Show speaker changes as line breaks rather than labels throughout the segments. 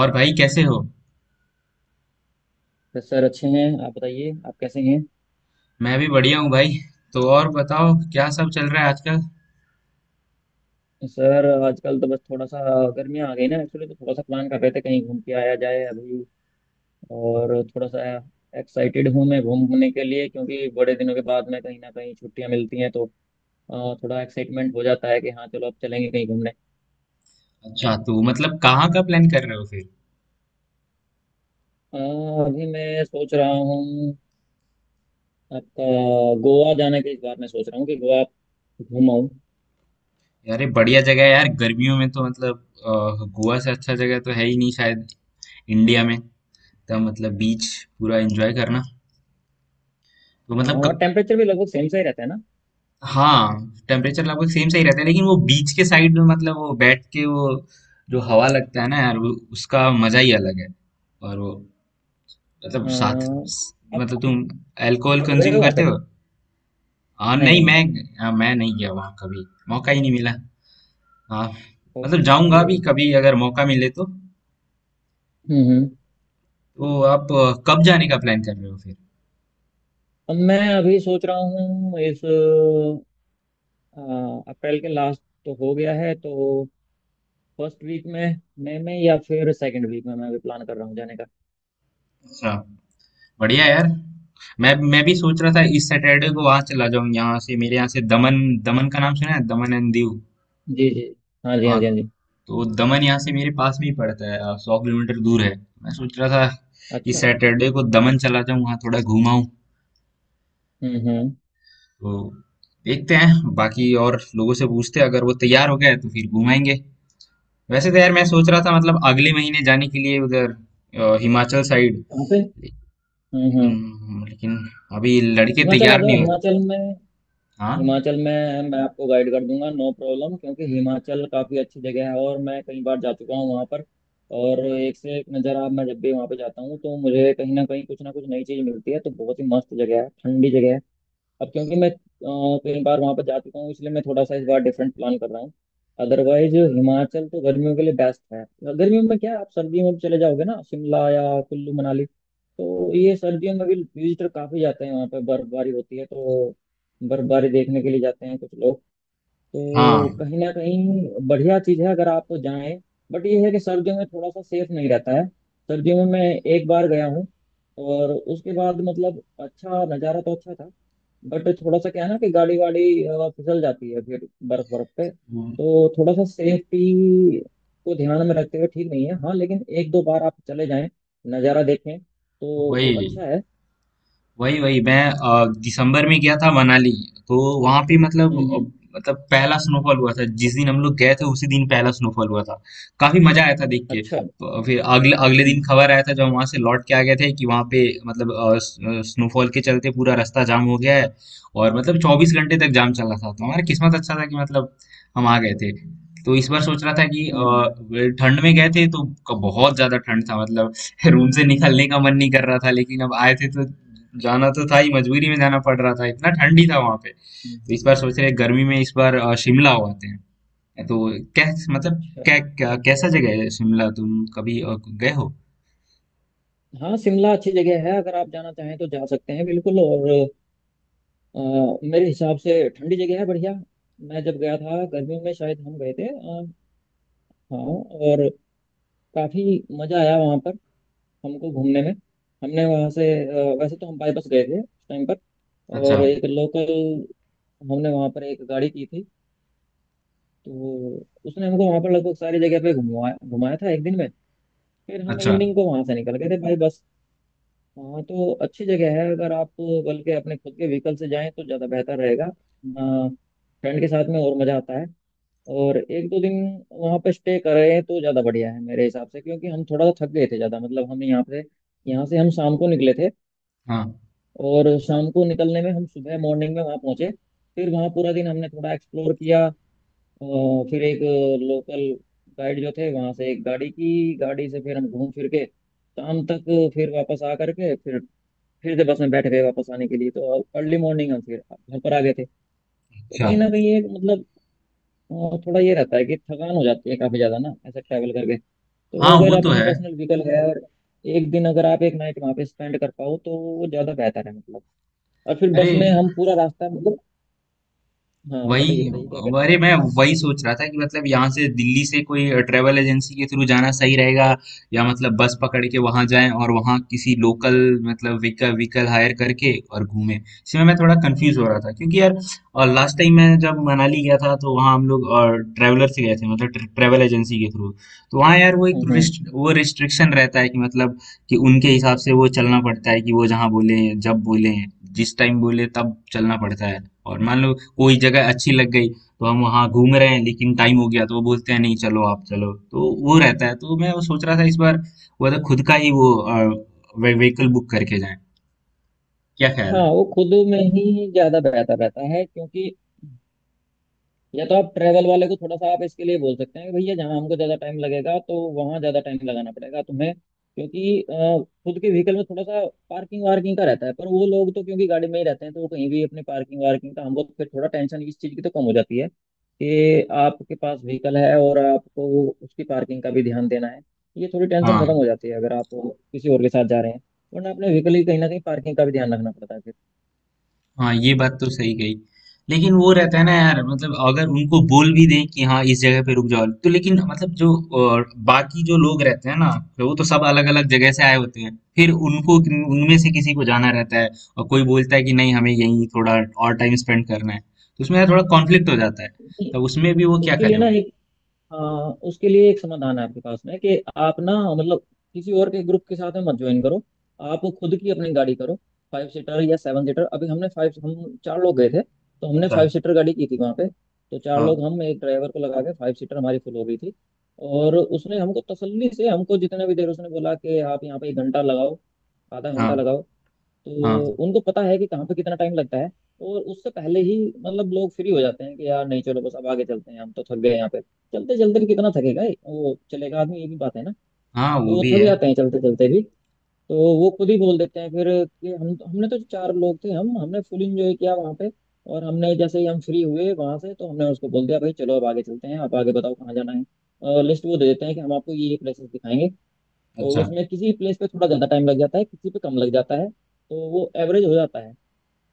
और भाई कैसे हो?
बस सर अच्छे हैं। आप बताइए, आप कैसे हैं?
मैं भी बढ़िया हूँ भाई। तो और बताओ क्या सब चल रहा है आजकल?
सर आजकल तो बस थोड़ा सा, गर्मियाँ आ गई ना, एक्चुअली तो थोड़ा सा प्लान कर रहे थे कहीं घूम के आया जाए अभी। और थोड़ा सा एक्साइटेड हूँ मैं घूमने के लिए, क्योंकि बड़े दिनों के बाद में कहीं ना कहीं छुट्टियाँ मिलती हैं, तो थोड़ा एक्साइटमेंट हो जाता है कि हाँ चलो अब चलेंगे कहीं घूमने।
अच्छा तो मतलब कहाँ का प्लान कर रहे हो फिर?
अ, अभी मैं सोच रहा हूँ आपका गोवा जाने के, इस बार मैं सोच रहा हूँ कि गोवा घूमाऊँ।
यार ये बढ़िया जगह है यार गर्मियों में तो मतलब अ, गोवा से अच्छा जगह तो है ही नहीं शायद इंडिया में। तो मतलब बीच पूरा एंजॉय करना। तो
हाँ,
मतलब
और टेम्परेचर भी लगभग सेम सा ही रहता है ना।
हाँ टेम्परेचर लगभग सेम सही रहता है लेकिन वो बीच के साइड में मतलब वो बैठ के वो जो हवा लगता है ना यार वो उसका मजा ही अलग है। और वो मतलब साथ
हाँ।
मतलब
आप
तुम अल्कोहल
आप गए
कंज्यूम
हो वहाँ
करते
पे?
हो?
नहीं
नहीं
नहीं नहीं।
मैं। मैं नहीं गया वहाँ कभी। मौका ही नहीं मिला। आ, मतलब जाऊंगा
ओके।
भी कभी अगर मौका मिले तो।
हम्म हम्म।
तो आप कब जाने का प्लान कर रहे हो फिर?
अब मैं अभी सोच रहा हूँ इस अप्रैल के लास्ट तो हो गया है, तो फर्स्ट वीक में मई में या फिर सेकंड वीक में मैं अभी प्लान कर रहा हूँ जाने का।
अच्छा। बढ़िया यार। मैं भी सोच रहा था इस सैटरडे को वहां चला जाऊं यहाँ से, मेरे यहाँ से दमन। दमन का नाम सुना है? दमन एंड दीव।
जी जी, हाँ जी हाँ
हाँ।
जी हाँ जी।
तो दमन यहाँ से मेरे पास में ही पड़ता है, 100 किलोमीटर दूर है। मैं सोच रहा था इस
अच्छा।
सैटरडे को दमन चला जाऊं वहाँ थोड़ा घूमाऊं।
हम्म।
तो देखते हैं बाकी और लोगों से पूछते हैं अगर वो तैयार हो गए तो फिर घुमाएंगे। वैसे तो यार मैं सोच रहा था मतलब अगले महीने जाने के लिए उधर हिमाचल साइड।
कहाँ पे?
लेकिन
हम्म।
लेकिन अभी लड़के
हिमाचल आ
तैयार
जाओ,
नहीं हुए।
हिमाचल में।
हाँ।
हिमाचल में मैं आपको गाइड कर दूंगा, नो प्रॉब्लम, क्योंकि हिमाचल काफ़ी अच्छी जगह है और मैं कई बार जा चुका हूँ वहाँ पर। और एक से एक नज़ारा, मैं जब भी वहाँ पे जाता हूँ तो मुझे कहीं ना कहीं कुछ ना कुछ नई चीज़ मिलती है, तो बहुत ही मस्त जगह है, ठंडी जगह है। अब क्योंकि मैं कई बार वहां पर जा चुका हूँ, इसलिए मैं थोड़ा सा इस बार डिफरेंट प्लान कर रहा हूँ। अदरवाइज हिमाचल तो गर्मियों के लिए बेस्ट है। गर्मियों में क्या, आप सर्दियों में भी चले जाओगे ना शिमला या कुल्लू मनाली, तो ये सर्दियों में भी विजिटर काफी जाते हैं, वहाँ पे बर्फबारी होती है तो बर्फबारी देखने के लिए जाते हैं कुछ लोग।
हाँ।
तो कहीं ना कहीं बढ़िया चीज है अगर आप जाएं। बट ये है कि सर्दियों में थोड़ा सा सेफ नहीं रहता है। सर्दियों में मैं एक बार गया हूँ, और उसके बाद मतलब अच्छा नज़ारा तो अच्छा था, बट थोड़ा सा क्या है ना कि गाड़ी वाड़ी फिसल जाती है फिर बर्फ बर्फ पे,
वो-
तो थोड़ा सा सेफ्टी को ध्यान में रखते हुए ठीक नहीं है। हाँ लेकिन एक दो बार आप चले जाएं, नज़ारा देखें, तो वो
वही।
अच्छा है।
वही वही मैं दिसंबर में गया था मनाली। तो वहां पे मतलब
हम्म।
मतलब पहला स्नोफॉल हुआ था जिस दिन हम लोग गए थे उसी दिन पहला स्नोफॉल हुआ था। काफी मजा आया था देख के।
अच्छा।
फिर अगले अगले दिन
हम्म
खबर आया था जब वहां से लौट के आ गए थे कि वहां पे मतलब स्नोफॉल के चलते पूरा रास्ता जाम हो गया है। और मतलब 24 घंटे तक जाम चला था तो हमारा किस्मत अच्छा था कि मतलब हम आ गए थे। तो इस बार सोच रहा था कि
हम्म।
ठंड में गए थे तो बहुत ज्यादा ठंड था मतलब रूम से निकलने का मन नहीं कर रहा था, लेकिन अब आए थे तो जाना तो था ही, मजबूरी में जाना पड़ रहा था। इतना ठंडी था वहां पे
हम्म।
तो इस बार सोच रहे हैं, गर्मी में इस बार शिमला हो आते हैं। तो कैस मतलब
अच्छा।
कै, क्या कैसा जगह है शिमला? तुम कभी गए हो?
हाँ, शिमला अच्छी जगह है, अगर आप जाना चाहें तो जा सकते हैं बिल्कुल। और मेरे हिसाब से ठंडी जगह है, बढ़िया। मैं जब गया था गर्मियों में, शायद हम गए थे हाँ, और काफी मजा आया वहाँ पर हमको घूमने में। हमने वहाँ से वैसे तो हम बाईपास गए थे उस टाइम पर।
अच्छा।
और एक लोकल, हमने वहाँ पर एक गाड़ी की थी, तो उसने हमको वहाँ पर लगभग सारी जगह पे घुमाया घुमाया था एक दिन में। फिर हम
अच्छा।
इवनिंग को वहाँ से निकल गए थे बाई बस। हाँ, तो अच्छी जगह है अगर आप, बल्कि अपने खुद के व्हीकल से जाएं तो ज़्यादा बेहतर रहेगा। फ्रेंड के साथ में और मज़ा आता है। और एक दो दिन वहाँ पे स्टे करें तो ज़्यादा बढ़िया है मेरे हिसाब से, क्योंकि हम थोड़ा सा थक गए थे ज़्यादा। मतलब हम यहाँ से, यहाँ से हम शाम को निकले थे,
हाँ।
और शाम को निकलने में हम सुबह मॉर्निंग में वहाँ पहुंचे। फिर वहाँ पूरा दिन हमने थोड़ा एक्सप्लोर किया। और फिर एक लोकल गाइड जो थे वहाँ से, एक गाड़ी की, गाड़ी से फिर हम घूम फिर के शाम तक, फिर वापस आ करके फिर से बस में बैठ गए वापस आने के लिए, तो अर्ली मॉर्निंग हम फिर घर पर आ गए थे। तो
अच्छा।
कहीं ना कहीं एक मतलब थोड़ा ये रहता है कि थकान हो जाती है काफी ज्यादा ना ऐसे ट्रैवल करके,
हाँ,
तो अगर
वो तो
अपनी
है।
पर्सनल व्हीकल है और एक दिन, अगर आप एक नाइट वहाँ पे स्पेंड कर पाओ, तो वो ज्यादा बेहतर है मतलब। और फिर
अरे
बस में हम पूरा रास्ता मतलब, हाँ बताइए
वही।
बताइए, क्या करते हैं
अरे
आप?
मैं वही सोच रहा था कि मतलब यहाँ से दिल्ली से कोई ट्रेवल एजेंसी के थ्रू जाना सही रहेगा या मतलब बस पकड़ के वहां जाएं और वहां किसी लोकल मतलब व्हीकल व्हीकल हायर करके और घूमें, इसमें मैं थोड़ा कंफ्यूज हो रहा था क्योंकि यार। और लास्ट टाइम मैं जब मनाली गया था तो वहाँ हम लोग और ट्रैवलर से गए थे मतलब ट्रैवल एजेंसी के थ्रू। तो वहाँ यार वो एक
हम्म।
रिस्ट्रिक्शन रहता है कि मतलब कि उनके हिसाब से वो चलना पड़ता है कि वो जहाँ बोले, जब बोले, जिस टाइम बोले तब चलना पड़ता है। और मान लो कोई जगह अच्छी लग गई तो हम वहाँ घूम रहे हैं लेकिन टाइम हो गया तो वो बोलते हैं नहीं चलो आप चलो, तो वो रहता है। तो मैं वो सोच रहा था इस बार वो तो खुद का ही वो व्हीकल बुक करके जाएं। क्या ख्याल
हाँ,
है?
वो खुद में ही ज्यादा बेहतर रहता है, क्योंकि या तो आप ट्रैवल वाले को थोड़ा सा आप इसके लिए बोल सकते हैं कि भैया जहाँ हमको ज्यादा टाइम लगेगा तो वहाँ ज्यादा टाइम लगाना पड़ेगा तुम्हें। क्योंकि खुद के व्हीकल में थोड़ा सा पार्किंग वार्किंग का रहता है, पर वो लोग तो क्योंकि गाड़ी में ही रहते हैं तो वो कहीं भी अपने पार्किंग वार्किंग का, हमको फिर थोड़ा टेंशन इस चीज की तो कम हो जाती है, कि आपके पास व्हीकल है और आपको उसकी पार्किंग का भी ध्यान देना है, ये थोड़ी टेंशन
हाँ।
खत्म हो जाती है अगर आप किसी और के साथ जा रहे हैं। वरना अपने व्हीकल की कहीं ना कहीं पार्किंग का भी ध्यान रखना पड़ता है।
हाँ, ये बात तो सही कही। लेकिन वो रहता है ना यार, मतलब अगर उनको बोल भी दें कि हाँ इस जगह पे रुक जाओ, तो लेकिन मतलब जो अ, बाकी जो लोग रहते हैं ना तो वो तो सब अलग अलग जगह से आए होते हैं फिर उनको, उनमें से किसी को जाना रहता है और कोई बोलता है कि नहीं हमें यहीं थोड़ा और टाइम स्पेंड करना है, तो उसमें यार थोड़ा कॉन्फ्लिक्ट हो जाता है।
फिर
तो उसमें भी वो क्या
उसके लिए
करे
ना,
भाई?
आ, उसके लिए एक समाधान है आपके पास में कि आप ना मतलब किसी और के ग्रुप के साथ में मत ज्वाइन करो, आप खुद की अपनी गाड़ी करो। 5 सीटर या 7 सीटर। अभी हमने फाइव, हम चार लोग गए थे, तो हमने
अच्छा।
5 सीटर गाड़ी की थी वहाँ पे, तो चार लोग
हाँ।
हम एक ड्राइवर को लगा के 5 सीटर हमारी फुल हो गई थी। और उसने हमको तसल्ली से, हमको जितने भी देर, उसने बोला कि आप यहाँ पे 1 घंटा लगाओ, आधा घंटा
हाँ।
लगाओ,
हाँ।
तो उनको पता है कि कहाँ पे कितना टाइम लगता है। और उससे पहले ही मतलब लोग फ्री हो जाते हैं कि यार नहीं चलो बस अब आगे चलते हैं, हम तो थक गए, यहाँ पे चलते चलते भी कितना थकेगा ये? वो चलेगा आदमी, ये भी बात है ना।
हाँ, वो
तो वो
भी
थक
है।
जाते हैं चलते चलते भी, तो वो खुद ही बोल देते हैं फिर कि हम हमने तो चार लोग थे, हम हमने फुल इंजॉय किया वहाँ पे। और हमने जैसे ही हम फ्री हुए वहां से, तो हमने उसको बोल दिया भाई चलो अब आगे चलते हैं, आप आगे बताओ कहाँ जाना है। और लिस्ट वो दे देते हैं कि हम आपको ये प्लेसेस दिखाएंगे। तो
अच्छा।
उसमें किसी प्लेस पे थोड़ा ज्यादा टाइम लग जाता है, किसी पे कम लग जाता है, तो वो एवरेज हो जाता है।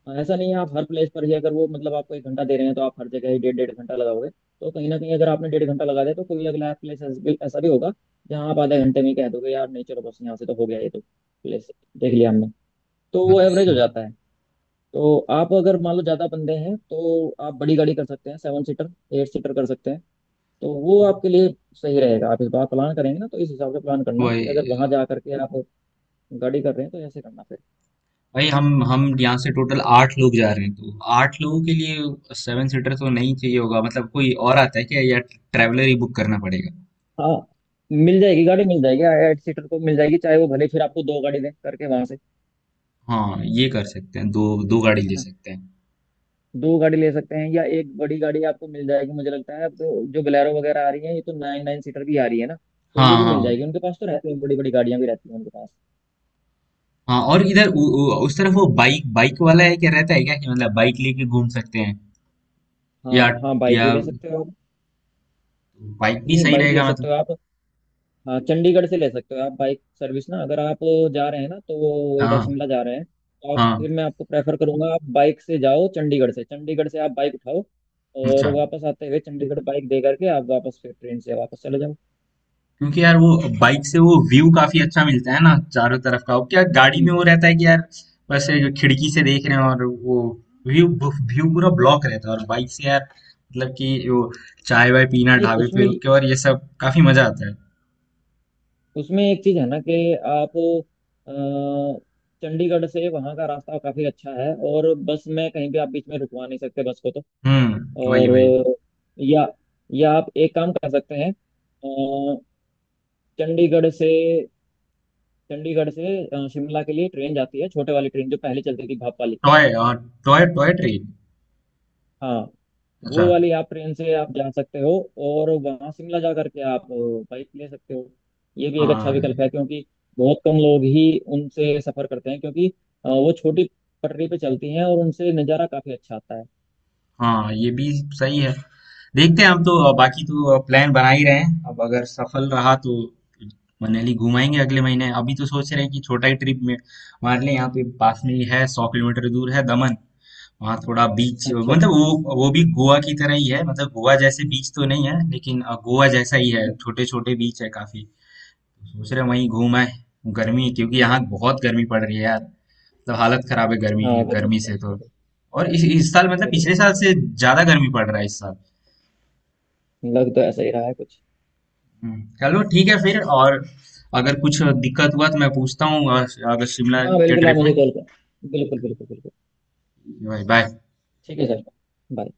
हाँ, ऐसा नहीं है आप हर प्लेस पर ही, अगर वो मतलब आपको 1 घंटा दे रहे हैं तो आप हर जगह ही 1.5 1.5 घंटा लगाओगे, तो कहीं ना कहीं अगर आपने 1.5 घंटा लगा दिया तो कोई अगला प्लेस ऐसा भी होगा जहाँ आप आधे घंटे में ही कह दोगे यार नहीं चलो बस यहाँ से, तो हो गया ये तो प्लेस, देख लिया हमने, तो वो एवरेज हो
अच्छा।
जाता है। तो आप अगर मान लो ज़्यादा बंदे हैं तो आप बड़ी गाड़ी कर सकते हैं, 7 सीटर, 8 सीटर कर सकते हैं, तो वो आपके लिए सही रहेगा। आप इस बार प्लान करेंगे ना तो इस हिसाब से प्लान करना कि
वही।
अगर वहां जा करके आप गाड़ी कर रहे हैं तो ऐसे करना फिर।
भाई हम यहाँ से टोटल आठ लोग जा रहे हैं तो आठ लोगों के लिए 7 सीटर तो नहीं चाहिए होगा मतलब, कोई और आता है क्या या ट्रैवलर ही बुक करना पड़ेगा?
हाँ, मिल जाएगी, गाड़ी मिल जाएगी, 8 सीटर को मिल जाएगी, चाहे वो भले फिर आपको दो गाड़ी दें करके वहां से।
हाँ ये कर सकते हैं, दो दो गाड़ी
है
ले
ना,
सकते हैं।
दो गाड़ी ले सकते हैं, या एक बड़ी गाड़ी आपको मिल जाएगी, मुझे लगता है, आपको जो बोलेरो वगैरह आ रही है ये तो नाइन नाइन सीटर भी आ रही है ना, तो
हाँ।
ये भी मिल
हाँ।
जाएगी, उनके पास तो रहती है, बड़ी बड़ी गाड़ियां भी रहती हैं उनके पास।
हाँ। और इधर उ, उ, उस तरफ वो बाइक बाइक वाला है क्या, रहता है क्या कि मतलब बाइक लेके घूम सकते हैं?
हाँ
या
हाँ, बाइक
या
भी ले सकते हो आप।
बाइक भी
नहीं,
सही
बाइक ले
रहेगा
सकते
मतलब।
हो आप, हाँ चंडीगढ़ से ले सकते हो आप, बाइक सर्विस ना, अगर आप जा रहे हैं ना, तो वो इधर
हाँ।
शिमला जा रहे हैं, तो आप
हाँ।
फिर मैं आपको प्रेफर करूंगा आप बाइक से जाओ चंडीगढ़ से आप बाइक उठाओ,
अच्छा।
और वापस आते हुए चंडीगढ़ बाइक दे करके आप वापस फिर ट्रेन से वापस चले जाओ।
क्योंकि यार वो बाइक से वो व्यू काफी अच्छा मिलता है ना चारों तरफ का। वो क्या गाड़ी में वो
हम्म।
रहता है कि यार बस खिड़की से देख रहे हैं और वो व्यू व्यू पूरा ब्लॉक रहता है। और बाइक से यार मतलब कि वो चाय वाय पीना
नहीं
ढाबे पे
उसमें
रुक के और ये सब, काफी मजा आता है।
उसमें एक चीज़ है ना कि आप अ, चंडीगढ़ से वहाँ का रास्ता काफ़ी अच्छा है, और बस में कहीं भी आप बीच में रुकवा नहीं सकते बस को तो।
हम्म, वही
और
वही।
अ, या या आप एक काम कर सकते हैं, चंडीगढ़ से चंडीगढ़ से शिमला के लिए ट्रेन जाती है, छोटे वाली ट्रेन जो पहले चलती थी भाप वाली।
टॉय और। Toy toy train.
हाँ,
अच्छा।
वो वाली आप ट्रेन से आप जा सकते हो, और वहाँ शिमला जा करके आप बाइक ले सकते हो, ये भी एक अच्छा विकल्प
हाँ।
है, क्योंकि बहुत कम लोग ही उनसे सफर करते हैं, क्योंकि वो छोटी पटरी पे चलती हैं और उनसे नज़ारा काफी अच्छा आता है।
हाँ, ये भी सही है। देखते हैं हम तो, बाकी तो प्लान बना ही रहे हैं। अब अगर सफल रहा तो मनाली घुमाएंगे अगले महीने। अभी तो सोच रहे हैं कि छोटा ही ट्रिप में मान लें, यहाँ पे पास में ही है 100 किलोमीटर दूर है दमन। वहाँ थोड़ा बीच
अच्छा
मतलब
अच्छा।
वो भी गोवा की तरह ही है मतलब गोवा जैसे बीच तो नहीं है लेकिन गोवा जैसा ही है,
हम्म।
छोटे छोटे बीच है काफी। सोच रहे हैं वहीं घूम आए। गर्मी, क्योंकि यहाँ बहुत गर्मी पड़ रही है यार मतलब हालत खराब है गर्मी।
हाँ, बिल्कुल
गर्मी से तो।
बिल्कुल।
और इस साल मतलब
बिल्कुल
पिछले साल
बिल्कुल।
से ज्यादा गर्मी पड़ रहा है इस साल।
लग तो ऐसा ही रहा है कुछ।
चलो ठीक है फिर। और अगर कुछ दिक्कत हुआ तो मैं पूछता हूँ अगर शिमला
हाँ
के
बिल्कुल, आप
ट्रिप में।
मुझे कॉल कर, बिल्कुल बिल्कुल बिल्कुल।
बाय।
ठीक है सर। बाय।